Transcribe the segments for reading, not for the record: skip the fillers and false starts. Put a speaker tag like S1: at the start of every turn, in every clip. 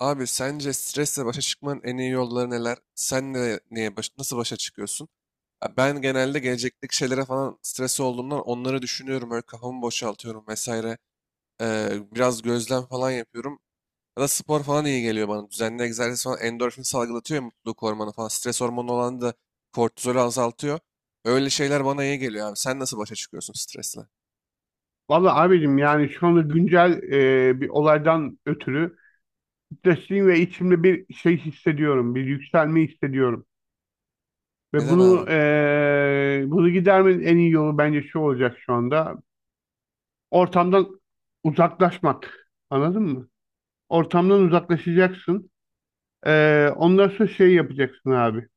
S1: Abi sence stresle başa çıkmanın en iyi yolları neler? Sen nasıl başa çıkıyorsun? Ya ben genelde gelecekteki şeylere falan stres olduğumdan onları düşünüyorum. Öyle kafamı boşaltıyorum vesaire. Biraz gözlem falan yapıyorum. Ya da spor falan iyi geliyor bana. Düzenli egzersiz falan endorfin salgılatıyor ya, mutluluk hormonu falan. Stres hormonu olan da kortizolü azaltıyor. Öyle şeyler bana iyi geliyor abi. Sen nasıl başa çıkıyorsun stresle?
S2: Valla abicim yani şu anda güncel bir olaydan ötürü stresliyim ve içimde bir şey hissediyorum. Bir yükselme hissediyorum. Ve
S1: Neden
S2: bunu
S1: abi?
S2: e, bunu gidermenin en iyi yolu bence şu olacak şu anda. Ortamdan uzaklaşmak. Anladın mı? Ortamdan uzaklaşacaksın. Ondan sonra şey yapacaksın abi.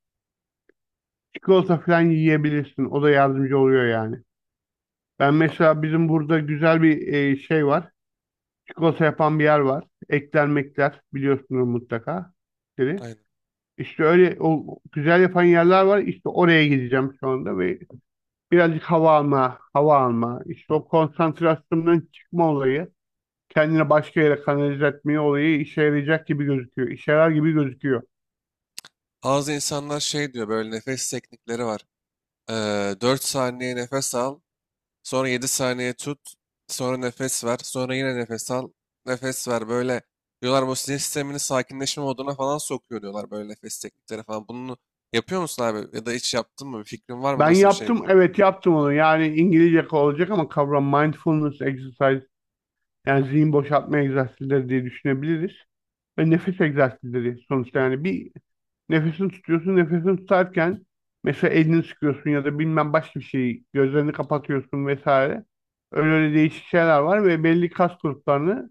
S2: Çikolata falan yiyebilirsin. O da yardımcı oluyor yani. Ben
S1: Abi,
S2: mesela bizim burada güzel bir şey var. Çikolata yapan bir yer var. Ekler mekler biliyorsunuz mutlaka. Dedi.
S1: aynen.
S2: İşte öyle o güzel yapan yerler var. İşte oraya gideceğim şu anda ve birazcık hava alma, İşte o konsantrasyondan çıkma olayı, kendine başka yere kanalize etme olayı işe yarayacak gibi gözüküyor. İşe yarar gibi gözüküyor.
S1: Bazı insanlar şey diyor, böyle nefes teknikleri var. Ee, 4 saniye nefes al. Sonra 7 saniye tut. Sonra nefes ver. Sonra yine nefes al. Nefes ver. Böyle diyorlar, bu sinir sistemini sakinleşme moduna falan sokuyor diyorlar, böyle nefes teknikleri falan. Bunu yapıyor musun abi? Ya da hiç yaptın mı? Bir fikrin var mı?
S2: Ben
S1: Nasıl bir şey?
S2: yaptım, evet yaptım onu. Yani İngilizce olacak ama kavram mindfulness exercise, yani zihin boşaltma egzersizleri diye düşünebiliriz. Ve nefes egzersizleri sonuçta, yani bir nefesini tutuyorsun. Nefesini tutarken mesela elini sıkıyorsun ya da bilmem başka bir şeyi, gözlerini kapatıyorsun vesaire. Öyle öyle değişik şeyler var ve belli kas gruplarını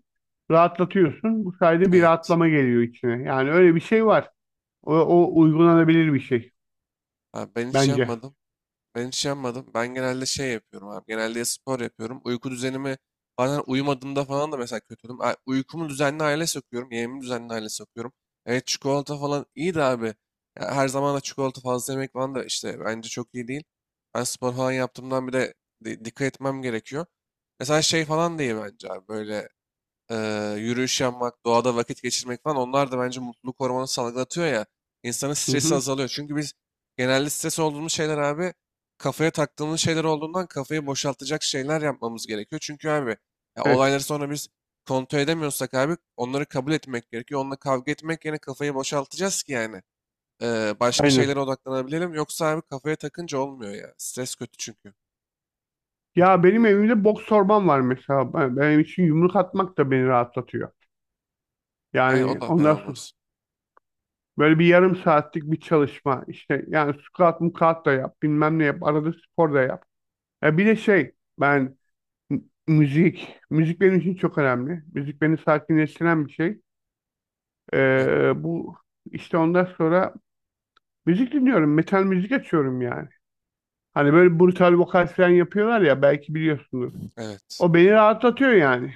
S2: rahatlatıyorsun. Bu sayede bir
S1: Evet.
S2: rahatlama geliyor içine. Yani öyle bir şey var. O uygulanabilir bir şey
S1: Abi ben hiç
S2: bence.
S1: yapmadım. Ben hiç yapmadım. Ben genelde şey yapıyorum abi. Genelde ya spor yapıyorum. Uyku düzenimi, bazen uyumadığımda falan da mesela kötü oluyorum. Uykumu düzenli hale sokuyorum. Yemeğimi düzenli hale sokuyorum. Evet, çikolata falan iyi de abi. Ya her zaman da çikolata fazla yemek falan da işte bence çok iyi değil. Ben spor falan yaptığımdan bir de dikkat etmem gerekiyor. Mesela şey falan da bence abi böyle yürüyüş yapmak, doğada vakit geçirmek falan, onlar da bence mutluluk hormonu salgılatıyor ya. İnsanın
S2: Hı
S1: stresi
S2: hı.
S1: azalıyor. Çünkü biz genelde stres olduğumuz şeyler abi kafaya taktığımız şeyler olduğundan, kafayı boşaltacak şeyler yapmamız gerekiyor. Çünkü abi ya
S2: Evet.
S1: olayları sonra biz kontrol edemiyorsak abi, onları kabul etmek gerekiyor. Onunla kavga etmek yerine kafayı boşaltacağız ki yani. Başka
S2: Aynen.
S1: şeylere odaklanabilelim. Yoksa abi kafaya takınca olmuyor ya. Stres kötü çünkü.
S2: Ya benim evimde boks torbam var mesela. Benim için yumruk atmak da beni rahatlatıyor.
S1: Aynen, o
S2: Yani
S1: da fena
S2: ondan
S1: olmaz.
S2: böyle bir yarım saatlik bir çalışma. İşte yani squat mukat da yap, bilmem ne yap, arada spor da yap. Ya bir de şey, ben m- müzik benim için çok önemli. Müzik beni sakinleştiren bir şey.
S1: Aynen.
S2: Bu işte ondan sonra müzik dinliyorum, metal müzik açıyorum yani. Hani böyle brutal vokal falan yapıyorlar ya, belki biliyorsunuz.
S1: Evet.
S2: O beni rahatlatıyor yani.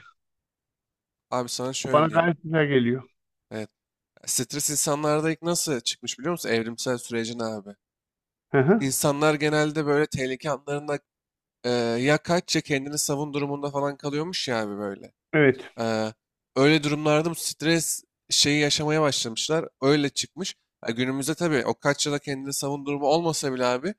S1: Abi sana
S2: O bana
S1: şöyle diyeyim.
S2: gayet güzel geliyor.
S1: Evet. Stres insanlarda ilk nasıl çıkmış biliyor musun? Evrimsel sürecin abi.
S2: Hı hı.
S1: İnsanlar genelde böyle tehlike anlarında ya kaç ya kendini savun durumunda falan kalıyormuş ya abi, böyle.
S2: Evet,
S1: Eee, Öyle durumlarda bu stres şeyi yaşamaya başlamışlar. Öyle çıkmış. Ya günümüzde tabii o kaç yıla kendini savun durumu olmasa bile abi,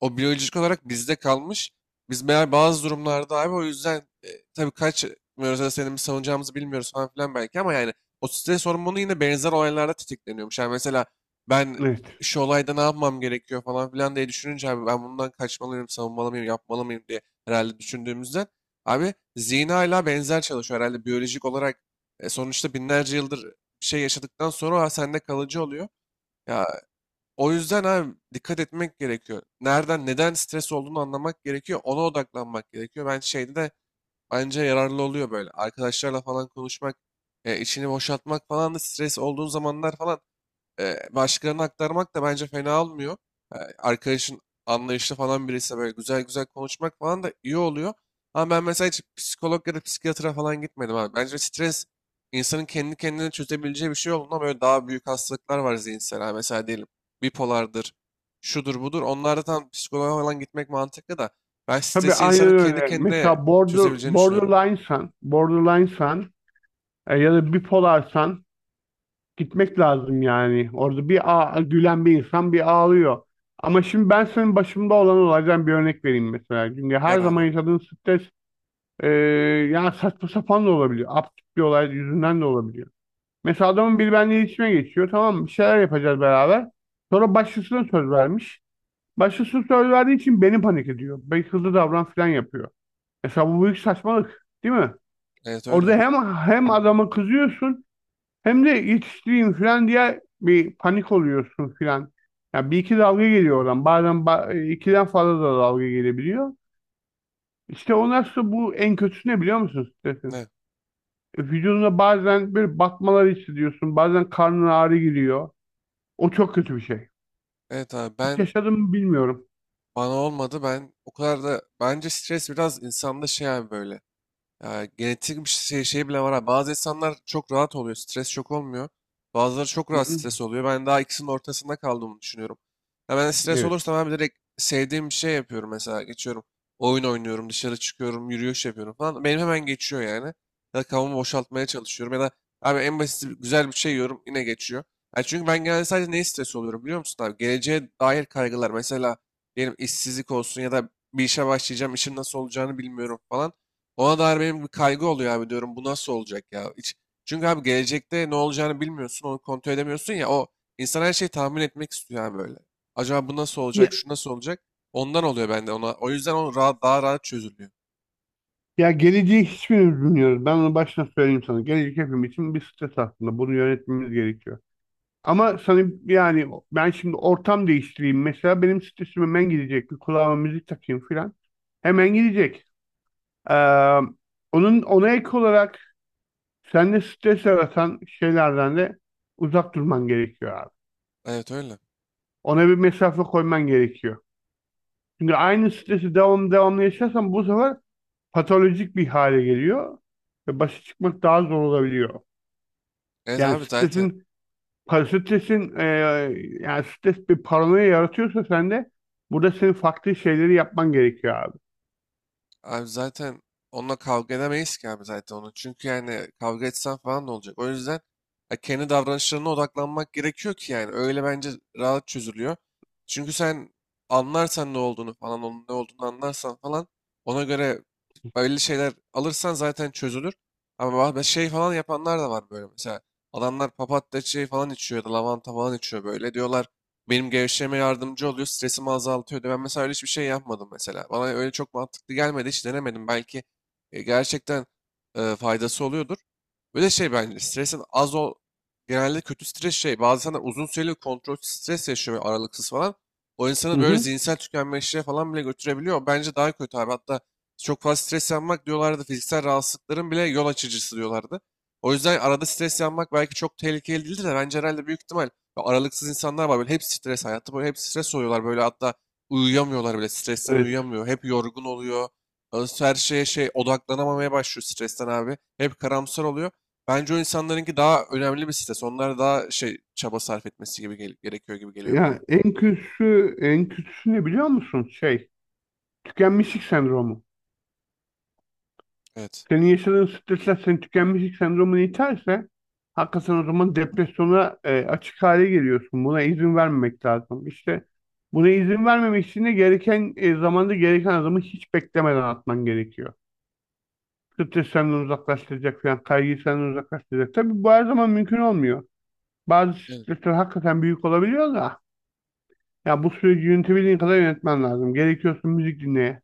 S1: o biyolojik olarak bizde kalmış. Biz meğer bazı durumlarda abi o yüzden e, tabii kaç da senin mi savunacağımızı bilmiyoruz falan filan belki, ama yani o stres hormonu yine benzer olaylarda tetikleniyormuş. Yani mesela ben
S2: evet.
S1: şu olayda ne yapmam gerekiyor falan filan diye düşününce abi, ben bundan kaçmalıyım, savunmalı mıyım, yapmalı mıyım diye herhalde düşündüğümüzden abi, Zina ile benzer çalışıyor herhalde biyolojik olarak. Sonuçta binlerce yıldır bir şey yaşadıktan sonra o sende kalıcı oluyor. Ya o yüzden abi dikkat etmek gerekiyor. Nereden, neden stres olduğunu anlamak gerekiyor. Ona odaklanmak gerekiyor. Ben şeyde de bence yararlı oluyor böyle. Arkadaşlarla falan konuşmak, içini boşaltmak falan da, stres olduğun zamanlar falan başkalarına aktarmak da bence fena olmuyor. Arkadaşın anlayışlı falan birisi, böyle güzel güzel konuşmak falan da iyi oluyor. Ama ben mesela hiç psikolog ya da psikiyatra falan gitmedim abi. Bence stres insanın kendi kendine çözebileceği bir şey olduğundan, böyle daha büyük hastalıklar var zihinsel. Ha, mesela diyelim bipolardır, şudur budur. Onlarda tam psikoloğa falan gitmek mantıklı da ben
S2: Tabii
S1: stresi
S2: aynen
S1: insanın kendi
S2: öyle.
S1: kendine
S2: Mesela
S1: çözebileceğini düşünüyorum.
S2: Borderline Sun, ya da bipolarsan gitmek lazım yani. Orada bir gülen bir insan bir ağlıyor. Ama şimdi ben senin başımda olan olaydan bir örnek vereyim mesela. Çünkü her
S1: Ver
S2: zaman
S1: abi.
S2: yaşadığın stres e, yani saçma sapan da olabiliyor. Absürt bir olay yüzünden de olabiliyor. Mesela adamın biri benimle iletişime geçiyor. Tamam mı? Bir şeyler yapacağız beraber. Sonra başkasına söz vermiş. Başkası söz verdiği için beni panik ediyor. Beni hızlı davran falan yapıyor. Mesela bu büyük saçmalık, değil mi?
S1: Evet
S2: Orada
S1: öyle.
S2: hem adama kızıyorsun, hem de yetiştireyim falan diye bir panik oluyorsun falan. Ya bir iki dalga geliyor oradan. Bazen ikiden fazla da dalga gelebiliyor. İşte o nasıl, bu en kötüsü ne biliyor musun stresin?
S1: Ne?
S2: Vücudunda bazen böyle batmalar hissediyorsun. Bazen karnın ağrı giriyor. O çok kötü bir şey.
S1: Evet abi
S2: Hiç
S1: ben,
S2: yaşadım mı bilmiyorum.
S1: bana olmadı. Ben o kadar da bence stres biraz insanda şey abi böyle. Ya, genetik bir şey, şey bile var abi. Bazı insanlar çok rahat oluyor. Stres çok olmuyor. Bazıları çok
S2: Hı
S1: rahat
S2: hı.
S1: stres oluyor. Ben daha ikisinin ortasında kaldığımı düşünüyorum. Ya ben stres
S2: Evet.
S1: olursam abi direkt sevdiğim bir şey yapıyorum mesela. Geçiyorum. Oyun oynuyorum, dışarı çıkıyorum, yürüyüş yapıyorum falan. Benim hemen geçiyor yani. Ya da kafamı boşaltmaya çalışıyorum. Ya da abi en basit, güzel bir şey yiyorum yine geçiyor. Ya çünkü ben genelde sadece neye stres oluyorum biliyor musun abi? Geleceğe dair kaygılar. Mesela diyelim işsizlik olsun, ya da bir işe başlayacağım, işim nasıl olacağını bilmiyorum falan. Ona dair benim bir kaygı oluyor abi, diyorum bu nasıl olacak ya? Hiç, çünkü abi gelecekte ne olacağını bilmiyorsun, onu kontrol edemiyorsun ya, o insan her şeyi tahmin etmek istiyor abi böyle. Acaba bu nasıl
S2: Ya,
S1: olacak, şu nasıl olacak? Ondan oluyor bende ona. O yüzden o rahat, daha rahat çözülüyor.
S2: ya, geleceği hiçbirimiz bilmiyoruz. Ben onu baştan söyleyeyim sana. Gelecek hepimiz için bir stres aslında. Bunu yönetmemiz gerekiyor. Ama sana yani, ben şimdi ortam değiştireyim. Mesela benim stresim hemen gidecek. Bir kulağıma müzik takayım filan. Hemen gidecek. Ee, Onun ona ek olarak sende stres yaratan şeylerden de uzak durman gerekiyor abi.
S1: Evet öyle.
S2: Ona bir mesafe koyman gerekiyor. Çünkü aynı stresi devamlı yaşarsan bu sefer patolojik bir hale geliyor ve başa çıkmak daha zor olabiliyor.
S1: Evet
S2: Yani
S1: abi zaten.
S2: stresin Stresin e, yani stres bir paranoya yaratıyorsa sende, burada senin farklı şeyleri yapman gerekiyor abi.
S1: Abi zaten onunla kavga edemeyiz ki abi, zaten onu. Çünkü yani kavga etsen falan ne olacak? O yüzden ya kendi davranışlarına odaklanmak gerekiyor ki yani. Öyle bence rahat çözülüyor. Çünkü sen anlarsan ne olduğunu falan, onun ne olduğunu anlarsan falan, ona göre öyle şeyler alırsan zaten çözülür. Ama şey falan yapanlar da var böyle mesela. Adamlar papatya çayı falan içiyor ya da lavanta falan içiyor böyle. Diyorlar benim gevşeme yardımcı oluyor, stresimi azaltıyor diyor. Ben mesela öyle hiçbir şey yapmadım mesela. Bana öyle çok mantıklı gelmedi, hiç denemedim. Belki gerçekten faydası oluyordur. Böyle şey bence stresin az ol... Genelde kötü stres şey. Bazı insanlar uzun süreli kontrolsüz stres yaşıyor, böyle aralıksız falan. O insanı
S2: Hı
S1: böyle
S2: hı.
S1: zihinsel tükenmişliğe falan bile götürebiliyor. Bence daha kötü abi. Hatta çok fazla stres yapmak diyorlardı, fiziksel rahatsızlıkların bile yol açıcısı diyorlardı. O yüzden arada stres yapmak belki çok tehlikeli değildir de, bence herhalde büyük ihtimal böyle aralıksız insanlar var. Böyle hep stres hayatı, böyle hep stres oluyorlar. Böyle hatta uyuyamıyorlar bile. Stresten
S2: Evet.
S1: uyuyamıyor. Hep yorgun oluyor. Her şeye şey odaklanamamaya başlıyor stresten abi. Hep karamsar oluyor. Bence o insanlarınki daha önemli bir stres. Onlar daha şey, çaba sarf etmesi gibi gerekiyor gibi geliyor bana.
S2: Ya en kötüsü en kötüsü ne biliyor musun? Şey, tükenmişlik sendromu.
S1: Evet.
S2: Senin yaşadığın stresler senin tükenmişlik sendromunu iterse hakikaten o zaman depresyona açık hale geliyorsun. Buna izin vermemek lazım. İşte buna izin vermemek için de gereken zamanda gereken adımı hiç beklemeden atman gerekiyor. Stres senden uzaklaştıracak falan, kaygıyı senden uzaklaştıracak. Tabii bu her zaman mümkün olmuyor. Bazı
S1: Evet.
S2: stresler hakikaten büyük olabiliyor da, ya bu süreci yönetebildiğin kadar yönetmen lazım. Gerekiyorsa müzik dinle,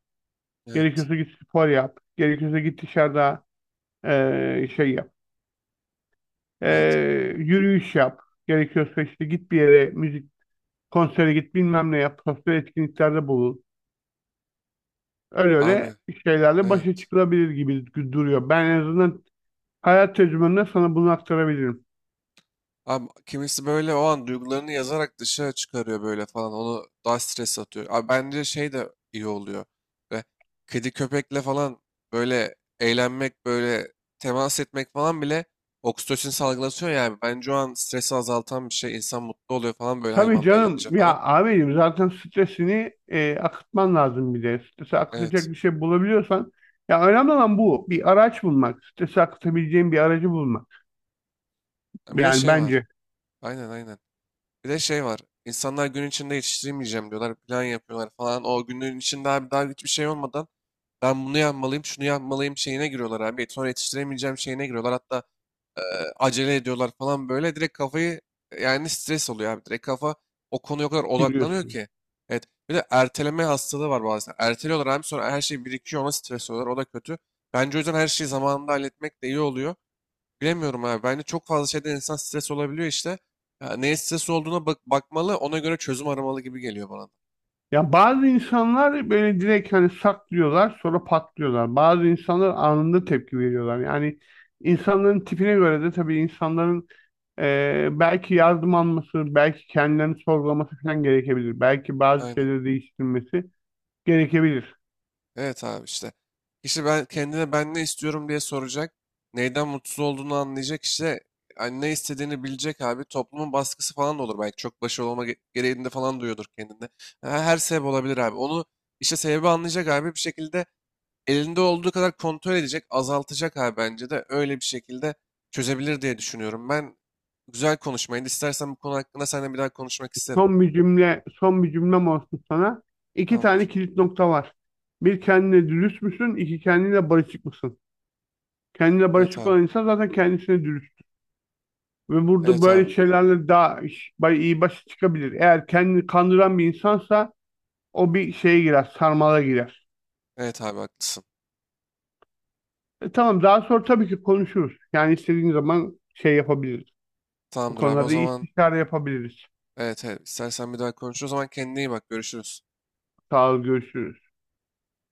S1: Evet.
S2: gerekiyorsa git spor yap, gerekiyorsa git dışarıda şey yap,
S1: Evet.
S2: Yürüyüş yap, gerekiyorsa işte git bir yere, müzik, konsere git, bilmem ne yap, sosyal etkinliklerde bulun. Öyle
S1: Abi.
S2: öyle şeylerle başa
S1: Evet.
S2: çıkılabilir gibi duruyor. Ben en azından hayat tecrübemle sana bunu aktarabilirim.
S1: Abi kimisi böyle o an duygularını yazarak dışarı çıkarıyor böyle falan. Onu daha stres atıyor. Abi bence şey de iyi oluyor. Ve kedi köpekle falan böyle eğlenmek, böyle temas etmek falan bile oksitosin salgılatıyor yani. Bence o an stresi azaltan bir şey. İnsan mutlu oluyor falan, böyle
S2: Tabii
S1: hayvanla
S2: canım
S1: eğlenince falan.
S2: ya abicim, zaten stresini akıtman lazım bir de. Stresi
S1: Evet.
S2: akıtacak bir şey bulabiliyorsan, ya önemli olan bu. Bir araç bulmak. Stresi akıtabileceğin bir aracı bulmak.
S1: Ha, bir de
S2: Yani
S1: şey var.
S2: bence
S1: Aynen, aynen. Bir de şey var. İnsanlar gün içinde yetiştiremeyeceğim diyorlar. Plan yapıyorlar falan. O günün içinde abi daha hiçbir şey olmadan ben bunu yapmalıyım, şunu yapmalıyım şeyine giriyorlar abi. Sonra yetiştiremeyeceğim şeyine giriyorlar. Hatta e, acele ediyorlar falan böyle. Direkt kafayı, yani stres oluyor abi. Direkt kafa o konuya o kadar odaklanıyor
S2: biliyorsun.
S1: ki. Evet. Bir de erteleme hastalığı var bazen. Erteliyorlar abi sonra her şey birikiyor, ona stres oluyorlar. O da kötü. Bence o yüzden her şeyi zamanında halletmek de iyi oluyor. Bilemiyorum abi. Bence çok fazla şeyden insan stres olabiliyor işte. Ya neye stres olduğuna bak bakmalı, ona göre çözüm aramalı gibi geliyor bana da.
S2: Ya bazı insanlar böyle direkt hani saklıyorlar, sonra patlıyorlar. Bazı insanlar anında tepki veriyorlar. Yani insanların tipine göre de tabii, insanların belki yardım alması, belki kendilerini sorgulaması falan gerekebilir. Belki bazı
S1: Aynen.
S2: şeyleri değiştirmesi gerekebilir.
S1: Evet abi işte. Kişi ben kendine, ben ne istiyorum diye soracak. Neyden mutsuz olduğunu anlayacak işte. Yani ne istediğini bilecek abi. Toplumun baskısı falan da olur belki. Çok başarılı olma gereğinde falan duyuyordur kendinde. Ha, her sebep olabilir abi. Onu işte, sebebi anlayacak abi. Bir şekilde elinde olduğu kadar kontrol edecek. Azaltacak abi, bence de. Öyle bir şekilde çözebilir diye düşünüyorum. Ben, güzel konuşmaydı. İstersen bu konu hakkında seninle bir daha konuşmak isterim.
S2: Son bir cümle, son bir cümlem olsun sana. İki tane
S1: Tamamdır.
S2: kilit nokta var. Bir, kendine dürüst müsün? İki, kendine barışık mısın? Kendine
S1: Evet
S2: barışık
S1: abi.
S2: olan insan zaten kendisine dürüst. Ve burada
S1: Evet
S2: böyle
S1: abi.
S2: şeylerle daha iyi başa çıkabilir. Eğer kendini kandıran bir insansa o bir şeye girer, sarmala girer.
S1: Evet abi haklısın.
S2: Tamam, daha sonra tabii ki konuşuruz. Yani istediğin zaman şey yapabiliriz. Bu
S1: Tamamdır abi o
S2: konularda iyi
S1: zaman.
S2: istişare yapabiliriz.
S1: Evet, evet. İstersen bir daha konuşuruz. O zaman kendine iyi bak. Görüşürüz.
S2: Sağ ol, görüşürüz.